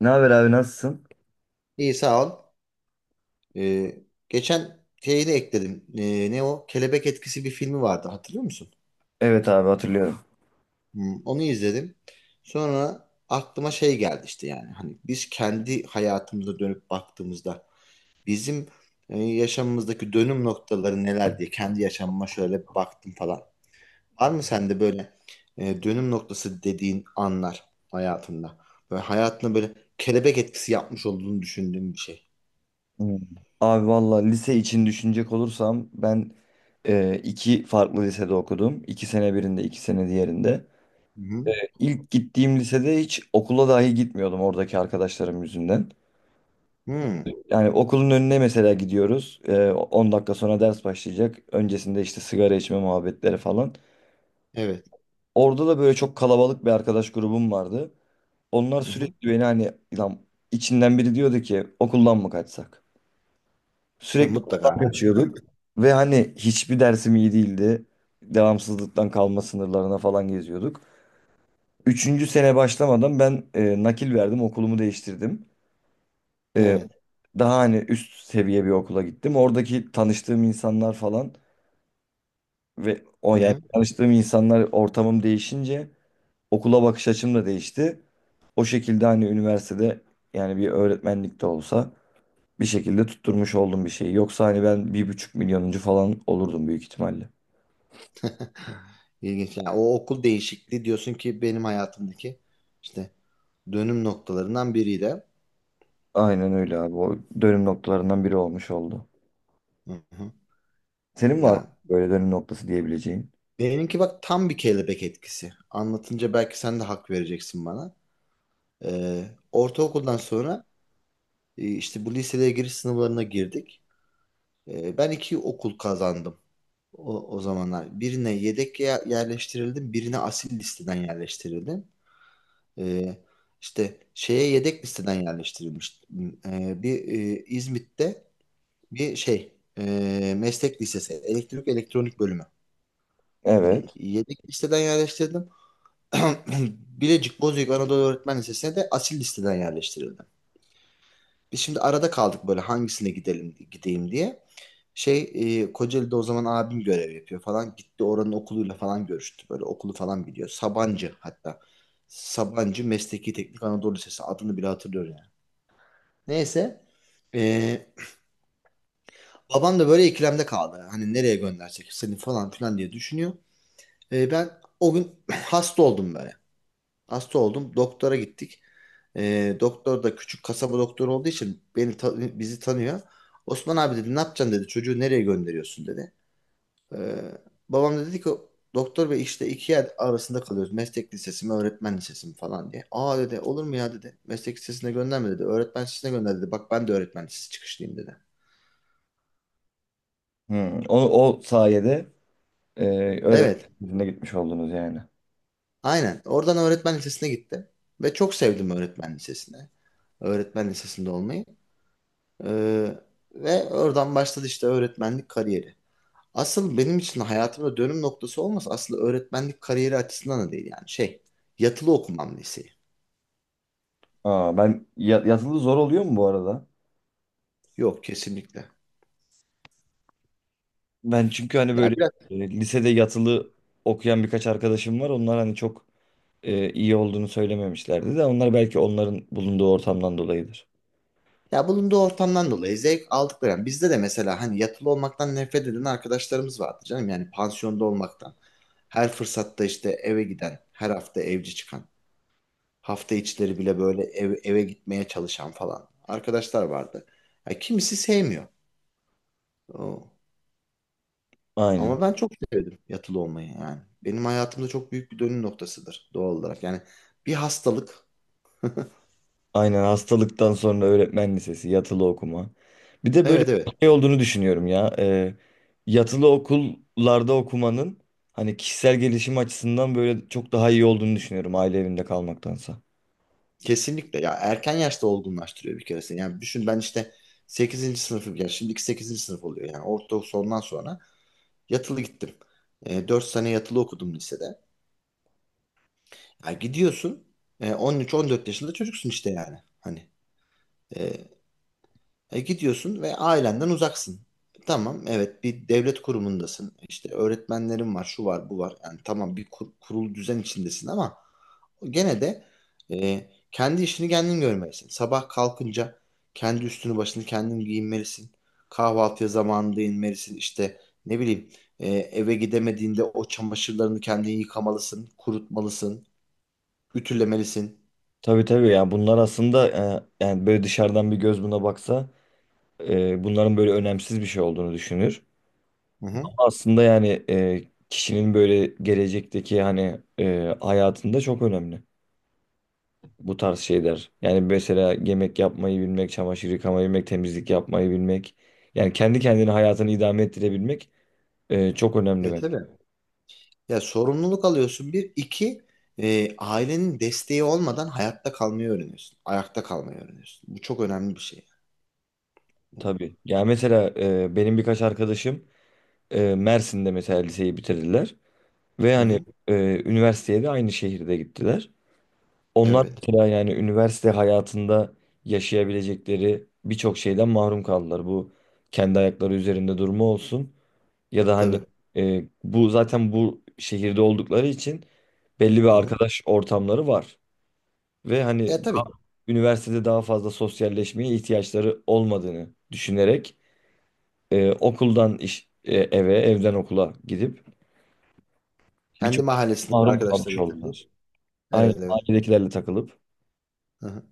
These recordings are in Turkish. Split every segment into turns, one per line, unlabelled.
Ne haber abi, nasılsın?
İyi sağ ol. Ee, Geçen şeyi de ekledim. Ne o? Kelebek Etkisi bir filmi vardı, hatırlıyor musun?
Evet abi, hatırlıyorum.
Hmm, onu izledim. Sonra aklıma şey geldi işte yani. Hani biz kendi hayatımıza dönüp baktığımızda bizim yaşamımızdaki dönüm noktaları neler diye kendi yaşamıma şöyle bir baktım falan. Var mı sende böyle dönüm noktası dediğin anlar hayatında? Böyle hayatına böyle kelebek etkisi yapmış olduğunu düşündüğün bir şey.
Hmm. Abi valla, lise için düşünecek olursam ben iki farklı lisede okudum. İki sene birinde, iki sene diğerinde.
Hı hı.
İlk gittiğim lisede hiç okula dahi gitmiyordum oradaki arkadaşlarım yüzünden.
Hmm,
Yani okulun önüne mesela gidiyoruz. 10 dakika sonra ders başlayacak. Öncesinde işte sigara içme muhabbetleri falan.
evet.
Orada da böyle çok kalabalık bir arkadaş grubum vardı. Onlar
Hı hı.
sürekli beni hani lan içinden biri diyordu ki okuldan mı kaçsak?
Ya
Sürekli
mutlaka.
okuldan
Ha,
kaçıyorduk. Ve hani hiçbir dersim iyi değildi. Devamsızlıktan kalma sınırlarına falan geziyorduk. Üçüncü sene başlamadan ben nakil verdim, okulumu değiştirdim. E,
evet.
Daha hani üst seviye bir okula gittim. Oradaki tanıştığım insanlar falan ve o,
Hı
yani
hı.
tanıştığım insanlar, ortamım değişince okula bakış açım da değişti. O şekilde hani üniversitede, yani bir öğretmenlik de olsa, bir şekilde tutturmuş oldum bir şeyi. Yoksa hani ben 1.500.000'inci falan olurdum büyük ihtimalle.
İlginç. Yani o okul değişikliği diyorsun ki benim hayatımdaki işte dönüm noktalarından biriydi.
Aynen öyle abi. O dönüm noktalarından biri olmuş oldu.
Hı hı.
Senin var mı
Ya
böyle dönüm noktası diyebileceğin?
benimki bak tam bir kelebek etkisi. Anlatınca belki sen de hak vereceksin bana. Ee, Ortaokuldan sonra işte bu liseye giriş sınavlarına girdik. Ben iki okul kazandım o zamanlar. Birine yedek yerleştirildim, birine asil listeden yerleştirildim. Ee, işte şeye yedek listeden yerleştirilmiş. Bir İzmit'te bir şey meslek lisesi, elektrik elektronik bölümü. Yani
Evet.
yedek listeden yerleştirdim. Bilecik Bozüyük Anadolu Öğretmen Lisesi'ne de asil listeden yerleştirildim. Biz şimdi arada kaldık böyle hangisine gideyim diye. Şey Kocaeli'de o zaman abim görev yapıyor falan. Gitti oranın okuluyla falan görüştü. Böyle okulu falan biliyor. Sabancı hatta. Sabancı Mesleki Teknik Anadolu Lisesi, adını bile hatırlıyorum. Neyse. Ee, Babam da böyle ikilemde kaldı. Hani nereye göndersek seni falan filan diye düşünüyor. Ben o gün hasta oldum böyle. Hasta oldum. Doktora gittik. Doktor da küçük kasaba doktoru olduğu için beni bizi tanıyor. Osman abi dedi, ne yapacaksın dedi. Çocuğu nereye gönderiyorsun dedi. Ee, Babam da dedi ki doktor bey, işte iki yer arasında kalıyoruz. Meslek lisesi mi öğretmen lisesi mi falan diye. Aa dedi, olur mu ya dedi. Meslek lisesine gönderme dedi. Öğretmen lisesine gönder dedi. Bak, ben de öğretmen lisesi çıkışlıyım dedi.
Hmm. O, o sayede e, ö-
Evet.
yüzüne gitmiş oldunuz yani.
Aynen. Oradan öğretmen lisesine gitti ve çok sevdim öğretmen lisesine. Öğretmen lisesinde olmayı. Ee, Ve oradan başladı işte öğretmenlik kariyeri. Asıl benim için hayatımda dönüm noktası olmasa aslında öğretmenlik kariyeri açısından da değil yani şey. Yatılı okumam liseyi.
Aa, ben yatılı zor oluyor mu bu arada?
Yok kesinlikle.
Ben çünkü hani
Ya
böyle
biraz,
lisede yatılı okuyan birkaç arkadaşım var. Onlar hani çok iyi olduğunu söylememişlerdi de onlar, belki onların bulunduğu ortamdan dolayıdır.
ya bulunduğu ortamdan dolayı zevk aldıkları. Yani bizde de mesela hani yatılı olmaktan nefret eden arkadaşlarımız vardı canım. Yani pansiyonda olmaktan. Her fırsatta işte eve giden, her hafta evci çıkan. Hafta içleri bile böyle eve gitmeye çalışan falan arkadaşlar vardı. Ya kimisi sevmiyor. O.
Aynen.
Ama ben çok sevdim yatılı olmayı yani. Benim hayatımda çok büyük bir dönüm noktasıdır doğal olarak. Yani bir hastalık.
Aynen, hastalıktan sonra öğretmen lisesi, yatılı okuma. Bir de böyle
Evet
bir
evet.
şey olduğunu düşünüyorum ya. Yatılı okullarda okumanın hani kişisel gelişim açısından böyle çok daha iyi olduğunu düşünüyorum aile evinde kalmaktansa.
Kesinlikle. Ya erken yaşta olgunlaştırıyor bir kere seni. Yani düşün, ben işte sekizinci sınıfım, yani şimdiki sekizinci sınıf oluyor. Yani ortaokul sondan sonra yatılı gittim. E, 4 sene yatılı okudum lisede. Ya gidiyorsun 13-14 yaşında çocuksun işte yani. Hani e, gidiyorsun ve ailenden uzaksın. Tamam, evet bir devlet kurumundasın. İşte öğretmenlerin var, şu var, bu var. Yani tamam bir kurul düzen içindesin ama gene de kendi işini kendin görmelisin. Sabah kalkınca kendi üstünü başını kendin giyinmelisin. Kahvaltıya zamanında inmelisin. İşte ne bileyim, eve gidemediğinde o çamaşırlarını kendin yıkamalısın, kurutmalısın, ütülemelisin.
Tabii tabii ya, bunlar aslında yani böyle dışarıdan bir göz buna baksa bunların böyle önemsiz bir şey olduğunu düşünür.
Hı hı.
Ama aslında yani kişinin böyle gelecekteki hani hayatında çok önemli bu tarz şeyler. Yani mesela yemek yapmayı bilmek, çamaşır yıkamayı bilmek, temizlik yapmayı bilmek. Yani kendi kendine hayatını idame ettirebilmek çok önemli
E,
ben.
tabii. Ya sorumluluk alıyorsun bir. İki ailenin desteği olmadan hayatta kalmayı öğreniyorsun. Ayakta kalmayı öğreniyorsun. Bu çok önemli bir şey.
Tabii. Yani mesela benim birkaç arkadaşım Mersin'de mesela liseyi bitirdiler. Ve
Hı
hani
hı.
üniversiteye de aynı şehirde gittiler. Onlar
Evet.
mesela yani üniversite hayatında yaşayabilecekleri birçok şeyden mahrum kaldılar. Bu kendi ayakları üzerinde durma olsun. Ya da hani
Tabii.
bu zaten bu şehirde oldukları için belli bir
Hı hı.
arkadaş ortamları var. Ve hani
Ya tabii.
üniversitede daha fazla sosyalleşmeye ihtiyaçları olmadığını düşünerek okuldan iş, eve, evden okula gidip
Kendi
birçok şey
mahallesindeki
mahrum kalmış
arkadaşlarıyla
oldular.
takılıp.
Aynen,
Evet evet.
ailedekilerle takılıp
Hı hı.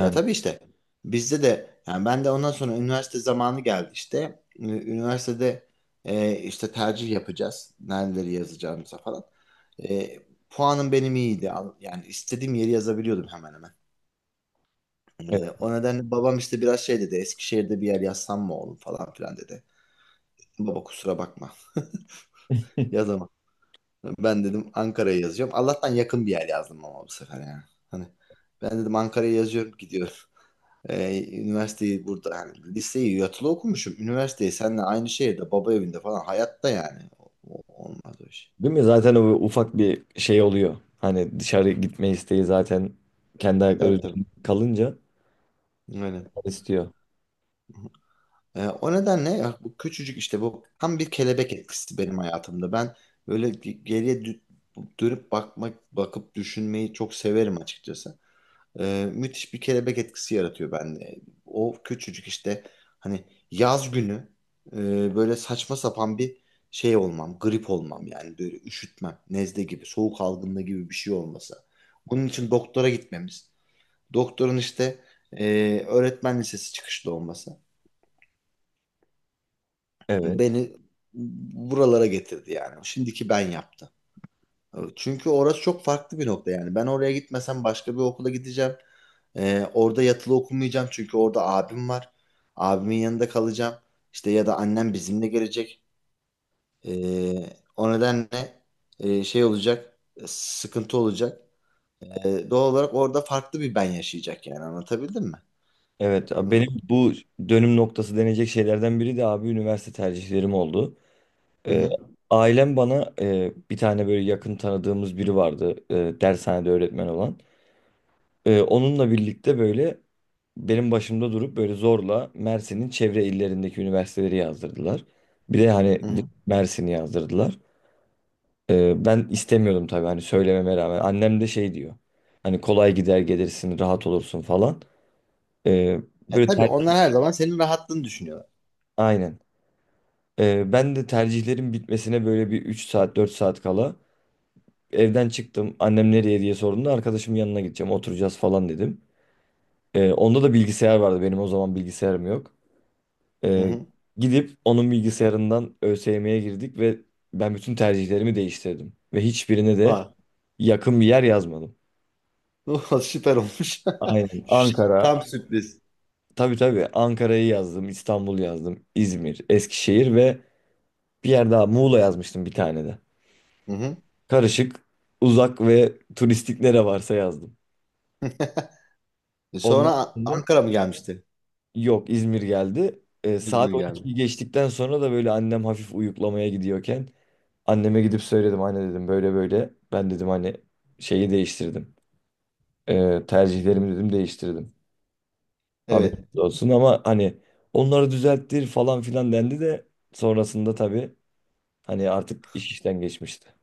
Ya tabii işte. Bizde de yani ben de ondan sonra üniversite zamanı geldi işte. Üniversitede işte tercih yapacağız. Nereleri yazacağımıza falan. E, puanım benim iyiydi. Yani istediğim yeri yazabiliyordum hemen hemen.
Evet,
O nedenle babam işte biraz şey dedi. Eskişehir'de bir yer yazsam mı oğlum falan filan dedi. Baba kusura bakma. Yazamam. Ben dedim Ankara'ya yazacağım. Allah'tan yakın bir yer yazdım ama bu sefer yani. Hani ben dedim Ankara'ya yazıyorum, gidiyorum. Üniversiteyi burada yani, liseyi yatılı okumuşum. Üniversiteyi seninle aynı şehirde baba evinde falan, hayatta yani. Olmaz o iş.
değil mi? Zaten o ufak bir şey oluyor. Hani dışarı gitme isteği zaten kendi ayakları
Tabii tabii.
üzerinde kalınca
Aynen.
istiyor.
O nedenle ya bu küçücük işte, bu tam bir kelebek etkisi benim hayatımda. Ben böyle geriye dönüp bakmak, bakıp düşünmeyi çok severim açıkçası. Müthiş bir kelebek etkisi yaratıyor bende. O küçücük işte hani yaz günü böyle saçma sapan bir şey olmam, grip olmam yani böyle üşütmem, nezle gibi, soğuk algınlığı gibi bir şey olması. Bunun için doktora gitmemiz, doktorun işte e, öğretmen lisesi çıkışlı olması.
Evet.
Beni buralara getirdi yani. Şimdiki ben yaptı. Çünkü orası çok farklı bir nokta yani. Ben oraya gitmesem başka bir okula gideceğim. Orada yatılı okumayacağım çünkü orada abim var. Abimin yanında kalacağım. İşte ya da annem bizimle gelecek. Ee, O nedenle şey olacak, sıkıntı olacak. Doğal olarak orada farklı bir ben yaşayacak yani, anlatabildim mi?
Evet abi, benim
Hı
bu dönüm noktası denecek şeylerden biri de abi üniversite tercihlerim oldu. Ee,
hı.
Ailem bana bir tane böyle yakın tanıdığımız biri vardı, dershanede öğretmen olan. Onunla birlikte böyle benim başımda durup böyle zorla Mersin'in çevre illerindeki üniversiteleri yazdırdılar. Bir de hani
Hı hı.
Mersin'i yazdırdılar. Ben istemiyordum tabii hani, söylememe rağmen. Annem de şey diyor: hani kolay gider gelirsin, rahat olursun falan. Ee,
E,
Böyle
tabii
ter,
onlar her zaman senin rahatlığını düşünüyorlar.
aynen. Ben de tercihlerin bitmesine böyle bir 3 saat, 4 saat kala evden çıktım. Annem nereye diye sorduğunda arkadaşımın yanına gideceğim, oturacağız falan dedim. Onda da bilgisayar vardı, benim o zaman bilgisayarım yok.
Hı
Ee,
hı.
Gidip onun bilgisayarından ÖSYM'ye girdik ve ben bütün tercihlerimi değiştirdim. Ve hiçbirine de
Var.
yakın bir yer yazmadım.
Oh, süper olmuş.
Aynen,
Şşt,
Ankara,
tam sürpriz.
tabii tabii, Ankara'yı yazdım, İstanbul yazdım, İzmir, Eskişehir ve bir yer daha, Muğla yazmıştım bir tane de.
Hı hı.
Karışık, uzak ve turistik nere varsa yazdım.
Sonra
Ondan sonra,
Ankara mı gelmişti?
yok, İzmir geldi.
İzmir
Saat
geldi.
12'yi geçtikten sonra da böyle annem hafif uyuklamaya gidiyorken anneme gidip söyledim. Anne dedim böyle böyle. Ben dedim hani şeyi değiştirdim. Tercihlerimi dedim değiştirdim.
Evet.
Haberiniz olsun, ama hani onları düzelttir falan filan dendi de sonrasında tabii hani artık iş işten geçmişti.